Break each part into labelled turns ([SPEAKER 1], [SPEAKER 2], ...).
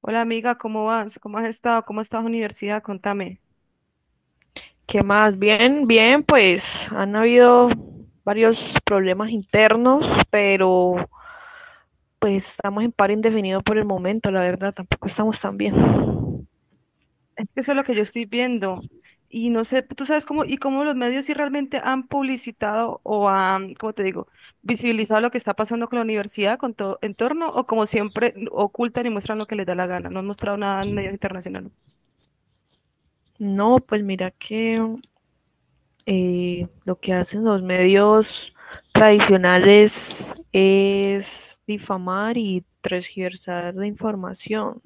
[SPEAKER 1] Hola amiga, ¿cómo vas? ¿Cómo has estado? ¿Cómo está la universidad? Contame.
[SPEAKER 2] ¿Qué más? Bien, bien, pues han habido varios problemas internos, pero pues estamos en paro indefinido por el momento. La verdad, tampoco estamos tan bien.
[SPEAKER 1] Es que eso es lo que yo estoy viendo. Y no sé, tú sabes cómo, y cómo los medios sí realmente han publicitado o han, ¿cómo te digo? Visibilizado lo que está pasando con la universidad, con todo entorno, o como siempre ocultan y muestran lo que les da la gana. No han mostrado nada en medios internacionales.
[SPEAKER 2] No, pues mira que lo que hacen los medios tradicionales es difamar y transversar la información.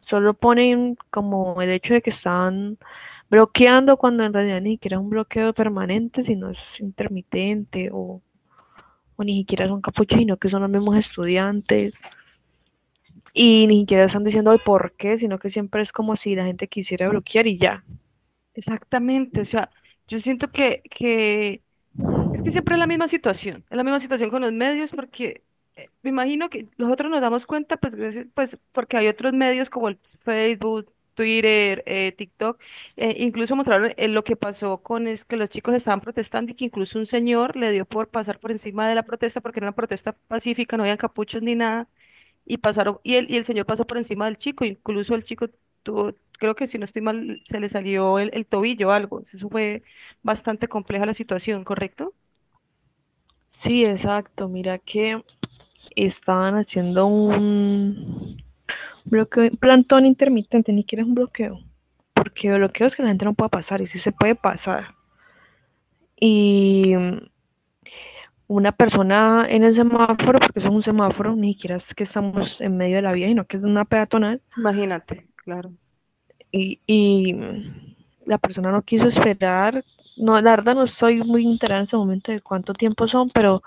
[SPEAKER 2] Solo ponen como el hecho de que están bloqueando, cuando en realidad ni siquiera es un bloqueo permanente, sino es intermitente, o ni siquiera son capuchinos, que son los mismos estudiantes y ni siquiera están diciendo "Ay, ¿por qué?", sino que siempre es como si la gente quisiera bloquear y ya.
[SPEAKER 1] Exactamente, o sea, yo siento que es que siempre es la misma situación, es la misma situación con los medios porque me imagino que nosotros nos damos cuenta, pues, pues porque hay otros medios como el Facebook, Twitter, TikTok, incluso mostraron lo que pasó con es que los chicos estaban protestando y que incluso un señor le dio por pasar por encima de la protesta porque era una protesta pacífica, no había capuchos ni nada, y pasaron, y el señor pasó por encima del chico, incluso el chico tuvo, creo que si no estoy mal, se le salió el tobillo o algo, eso fue bastante compleja la situación, ¿correcto?
[SPEAKER 2] Sí, exacto. Mira que estaban haciendo un bloqueo, plantón intermitente, ni siquiera es un bloqueo, porque bloqueo es que la gente no pueda pasar y sí se puede pasar. Y una persona en el semáforo, porque eso es un semáforo, ni siquiera es que estamos en medio de la vía, sino que es una peatonal,
[SPEAKER 1] Imagínate, claro.
[SPEAKER 2] y la persona no quiso esperar. No, la verdad no estoy muy enterada en este momento de cuánto tiempo son, pero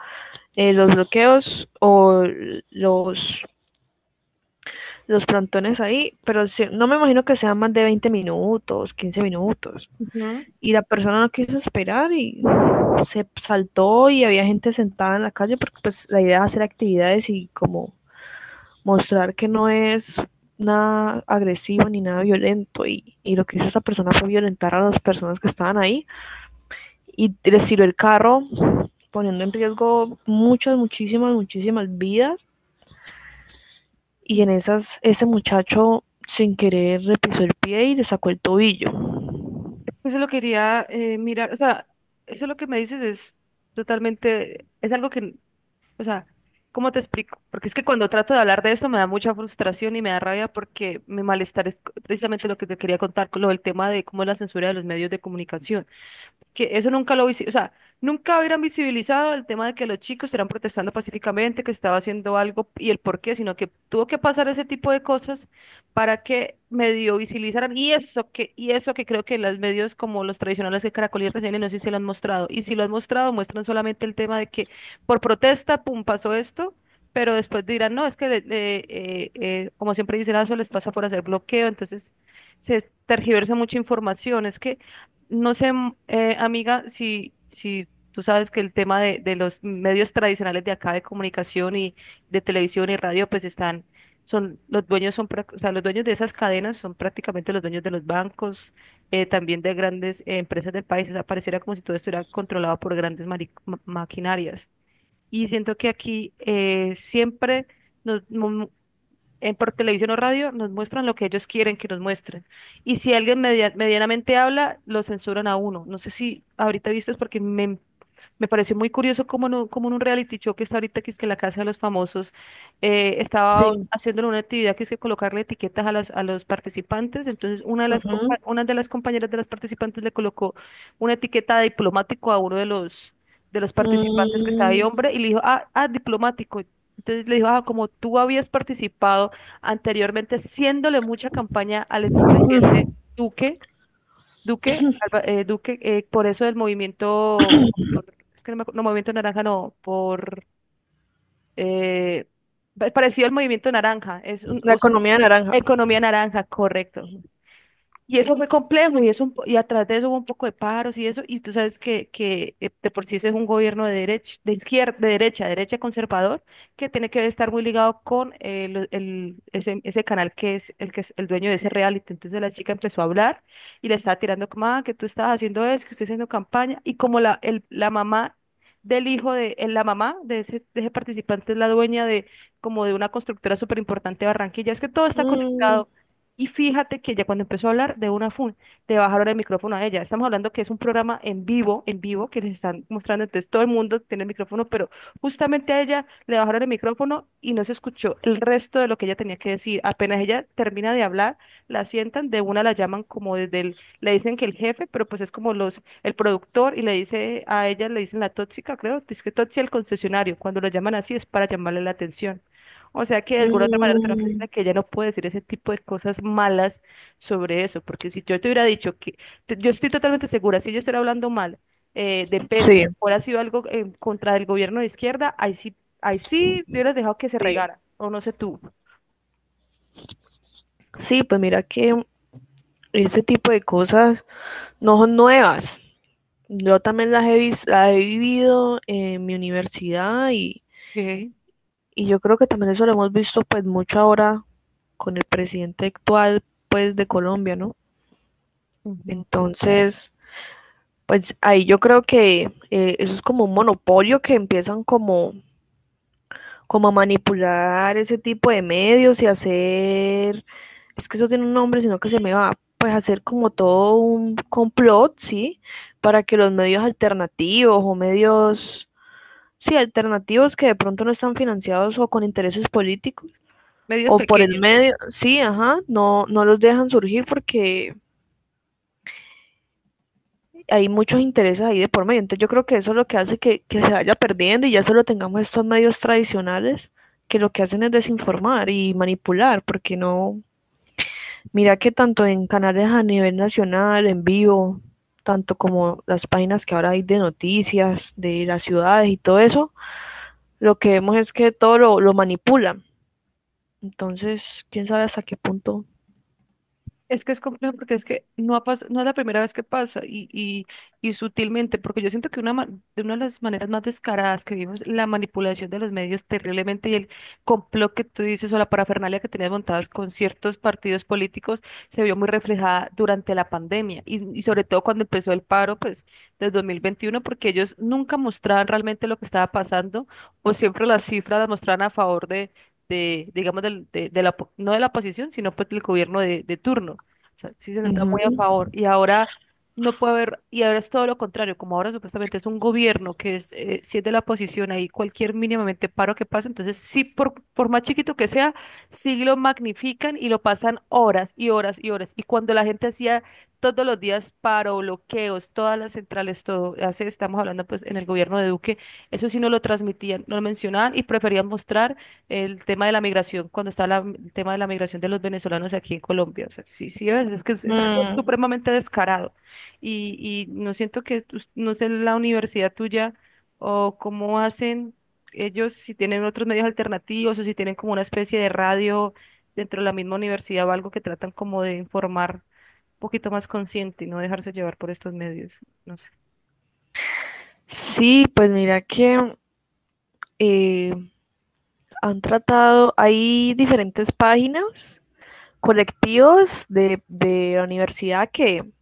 [SPEAKER 2] los bloqueos o los, los plantones ahí, pero no me imagino que sean más de 20 minutos, 15 minutos. Y la persona no quiso esperar y se saltó, y había gente sentada en la calle porque pues la idea es hacer actividades y como mostrar que no es nada agresivo ni nada violento. Y, y lo que hizo esa persona fue violentar a las personas que estaban ahí y les tiró el carro, poniendo en riesgo muchas, muchísimas, muchísimas vidas, y
[SPEAKER 1] Ujú.
[SPEAKER 2] en esas ese muchacho sin querer le pisó el pie y le sacó el tobillo.
[SPEAKER 1] Eso lo quería mirar, o sea, eso lo que me dices es totalmente, es algo que, o sea, ¿cómo te explico? Porque es que cuando trato de hablar de esto me da mucha frustración y me da rabia porque mi malestar es precisamente lo que te quería contar con lo del tema de cómo es la censura de los medios de comunicación. Que eso nunca lo o sea, nunca hubieran visibilizado el tema de que los chicos estaban protestando pacíficamente, que estaba haciendo algo y el por qué, sino que tuvo que pasar ese tipo de cosas para que medio visibilizaran y eso que creo que los medios como los tradicionales de Caracol y RCN no sé si lo han mostrado y si lo han mostrado muestran solamente el tema de que por protesta, pum, pasó esto. Pero después dirán, no, es que, como siempre dicen, "Ah, eso les pasa por hacer bloqueo". Entonces se tergiversa mucha información. Es que no sé, amiga, si tú sabes que el tema de los medios tradicionales de acá de comunicación y de televisión y radio, pues están, son, los dueños son, o sea, los dueños de esas cadenas son prácticamente los dueños de los bancos, también de grandes empresas del país. O sea, pareciera como si todo estuviera controlado por grandes maquinarias. Y siento que aquí siempre por televisión o radio, nos muestran lo que ellos quieren que nos muestren. Y si alguien medianamente habla, lo censuran a uno. No sé si ahorita viste, porque me pareció muy curioso cómo en un reality show que está ahorita, que es que la Casa de los Famosos, estaba
[SPEAKER 2] Sí.
[SPEAKER 1] haciendo una actividad que es que colocarle etiquetas a, a los participantes. Entonces,
[SPEAKER 2] Ujú.
[SPEAKER 1] una de las compañeras de las participantes le colocó una etiqueta de diplomático a uno de los participantes que estaba ahí,
[SPEAKER 2] Mm,
[SPEAKER 1] hombre, y le dijo, diplomático. Entonces le dijo, ah, como tú habías participado anteriormente, haciéndole mucha campaña al expresidente
[SPEAKER 2] mm,
[SPEAKER 1] Duque, Duque, Duque, por eso del movimiento, por- es que no, no, movimiento naranja, no, por eh, parecido al movimiento naranja,
[SPEAKER 2] la economía naranja.
[SPEAKER 1] economía naranja, correcto. Y eso fue complejo y, eso, y atrás de eso hubo un poco de paros y eso, y tú sabes que de por sí ese es un gobierno de derecha, de izquierda, de derecha, derecha conservador, que tiene que estar muy ligado con ese canal que es el dueño de ese reality. Entonces la chica empezó a hablar y le estaba tirando como, ah, que tú estabas haciendo eso, que estoy haciendo campaña, y como la mamá del hijo de, la mamá de ese participante es la dueña de como de una constructora súper importante de Barranquilla, es que todo está
[SPEAKER 2] Mm,
[SPEAKER 1] conectado. Y fíjate que ya cuando empezó a hablar de le bajaron el micrófono a ella. Estamos hablando que es un programa en vivo, que les están mostrando. Entonces todo el mundo tiene el micrófono, pero justamente a ella le bajaron el micrófono y no se escuchó el resto de lo que ella tenía que decir. Apenas ella termina de hablar, la sientan, de una la llaman le dicen que el jefe, pero pues es como el productor y le dice a ella, le dicen la tóxica, creo, dice que tóxica el concesionario. Cuando la llaman así es para llamarle la atención. O sea que de alguna otra manera tengo que
[SPEAKER 2] mm,
[SPEAKER 1] decirle que ella no puede decir ese tipo de cosas malas sobre eso, porque si yo te hubiera dicho que, yo estoy totalmente segura, si yo estuviera hablando mal de Petro,
[SPEAKER 2] sí,
[SPEAKER 1] hubiera sido algo en contra del gobierno de izquierda, ahí sí hubieras dejado que se
[SPEAKER 2] sí.
[SPEAKER 1] regara, o no sé tú.
[SPEAKER 2] Sí, pues mira que ese tipo de cosas no son nuevas. Yo también las he, las he vivido en mi universidad,
[SPEAKER 1] Ok,
[SPEAKER 2] y yo creo que también eso lo hemos visto pues mucho ahora con el presidente actual pues de Colombia, ¿no?
[SPEAKER 1] ujú.
[SPEAKER 2] Entonces, pues ahí yo creo que eso es como un monopolio que empiezan como, como a manipular ese tipo de medios y hacer, es que eso tiene un nombre, sino que se me va, pues hacer como todo un complot, ¿sí? Para que los medios alternativos o medios... Sí, alternativos, que de pronto no están financiados o con intereses políticos
[SPEAKER 1] Medios
[SPEAKER 2] o por el
[SPEAKER 1] pequeños.
[SPEAKER 2] medio, sí, ajá, no, no los dejan surgir porque hay muchos intereses ahí de por medio. Entonces yo creo que eso es lo que hace que se vaya perdiendo y ya solo tengamos estos medios tradicionales, que lo que hacen es desinformar y manipular, porque no, mira que tanto en canales a nivel nacional, en vivo, tanto como las páginas que ahora hay de noticias, de las ciudades y todo eso, lo que vemos es que todo lo manipulan. Entonces, quién sabe hasta qué punto.
[SPEAKER 1] Es que es complejo porque es que no, no es la primera vez que pasa y sutilmente, porque yo siento que de una de las maneras más descaradas que vimos, la manipulación de los medios terriblemente y el complot que tú dices o la parafernalia que tenías montadas con ciertos partidos políticos se vio muy reflejada durante la pandemia y sobre todo cuando empezó el paro, pues, del 2021, porque ellos nunca mostraban realmente lo que estaba pasando o siempre las cifras las mostraban a favor de, digamos, de la, no de la oposición, sino pues del gobierno de turno sea, sí se nota
[SPEAKER 2] Ujú.
[SPEAKER 1] muy a favor. Y ahora no puede haber, y ahora es todo lo contrario, como ahora supuestamente es un gobierno que es, si es de la oposición, ahí cualquier mínimamente paro que pase, entonces sí, por más chiquito que sea, sí lo magnifican y lo pasan horas y horas y horas. Y cuando la gente hacía todos los días paro, bloqueos, todas las centrales, todo, hace, estamos hablando pues en el gobierno de Duque, eso sí no lo transmitían, no lo mencionaban y preferían mostrar el tema de la migración, cuando está el tema de la migración de los venezolanos aquí en Colombia. O sea, sí, sí, es que es algo
[SPEAKER 2] Mm,
[SPEAKER 1] supremamente descarado. Y no siento que, no sé, la universidad tuya o cómo hacen ellos, si tienen otros medios alternativos o si tienen como una especie de radio dentro de la misma universidad o algo que tratan como de informar un poquito más consciente y no dejarse llevar por estos medios. No sé.
[SPEAKER 2] sí, pues mira que eh, han tratado, hay diferentes páginas, colectivos de la universidad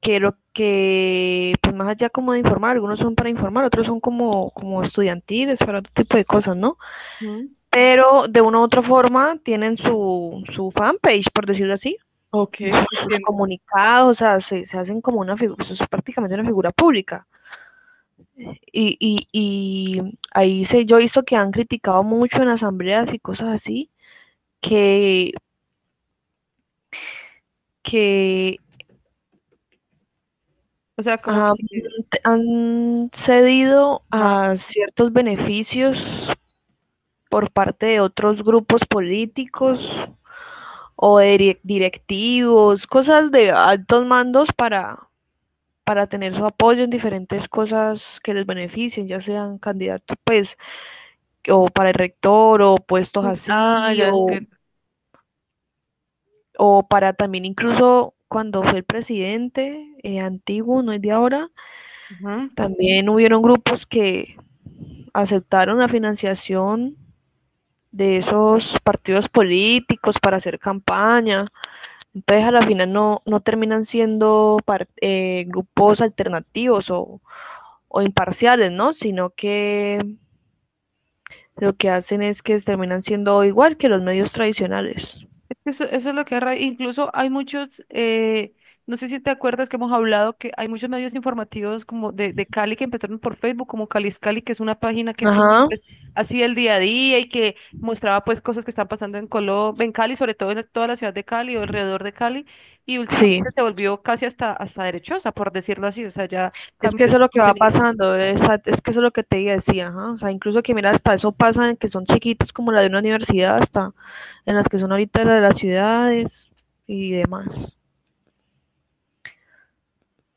[SPEAKER 2] que lo que, pues más allá como de informar, algunos son para informar, otros son como, como estudiantiles, para otro tipo de cosas, ¿no?
[SPEAKER 1] Ujú.
[SPEAKER 2] Pero de una u otra forma tienen su fanpage, por decirlo así,
[SPEAKER 1] Ok,
[SPEAKER 2] y sus
[SPEAKER 1] entiendo.
[SPEAKER 2] comunicados. O sea, se hacen como una figura, es prácticamente una figura pública. Y ahí se yo he visto que han criticado mucho en asambleas y cosas así, que, que
[SPEAKER 1] O sea, como
[SPEAKER 2] han,
[SPEAKER 1] que...
[SPEAKER 2] han cedido
[SPEAKER 1] ajá.
[SPEAKER 2] a ciertos beneficios por parte de otros grupos políticos o de directivos, cosas de altos mandos, para tener su apoyo en diferentes cosas que les beneficien, ya sean candidatos, pues, o para el rector, o puestos
[SPEAKER 1] Ah,
[SPEAKER 2] así,
[SPEAKER 1] ya entiendo.
[SPEAKER 2] o para también, incluso cuando fue el presidente antiguo, no es de ahora,
[SPEAKER 1] Ujú.
[SPEAKER 2] también hubieron grupos que aceptaron la financiación de esos partidos políticos para hacer campaña. Entonces a la final no, no terminan siendo par, grupos alternativos o imparciales, ¿no? Sino que lo que hacen es que terminan siendo igual que los medios tradicionales.
[SPEAKER 1] Eso es lo que es incluso hay muchos, no sé si te acuerdas que hemos hablado que hay muchos medios informativos como de Cali que empezaron por Facebook, como Calis Cali, que es una página que
[SPEAKER 2] Ajá,
[SPEAKER 1] pues, hacía el día a día y que mostraba pues cosas que están pasando en Colombia, en Cali, sobre todo en toda la ciudad de Cali o alrededor de Cali, y
[SPEAKER 2] sí.
[SPEAKER 1] últimamente se volvió casi hasta, hasta derechosa, por decirlo así, o sea, ya
[SPEAKER 2] Es que
[SPEAKER 1] cambió
[SPEAKER 2] eso es
[SPEAKER 1] su
[SPEAKER 2] lo que va
[SPEAKER 1] contenido.
[SPEAKER 2] pasando, es que eso es lo que te decía, ajá. O sea, incluso que mira, hasta eso pasa en que son chiquitos como la de una universidad, hasta en las que son ahorita la de las ciudades y demás.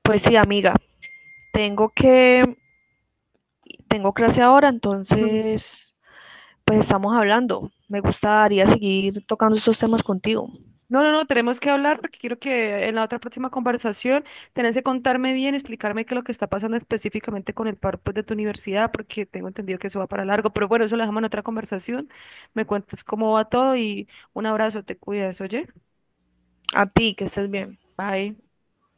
[SPEAKER 2] Pues sí, amiga, tengo que, tengo clase ahora, entonces, pues estamos hablando. Me gustaría seguir tocando estos temas contigo.
[SPEAKER 1] No, no, no, tenemos que hablar porque quiero que en la otra próxima conversación tenés que contarme bien, explicarme qué es lo que está pasando específicamente con el par pues, de tu universidad, porque tengo entendido que eso va para largo, pero bueno, eso lo dejamos en otra conversación. Me cuentas cómo va todo y un abrazo, te cuidas, oye.
[SPEAKER 2] A ti, que estés bien.
[SPEAKER 1] Bye.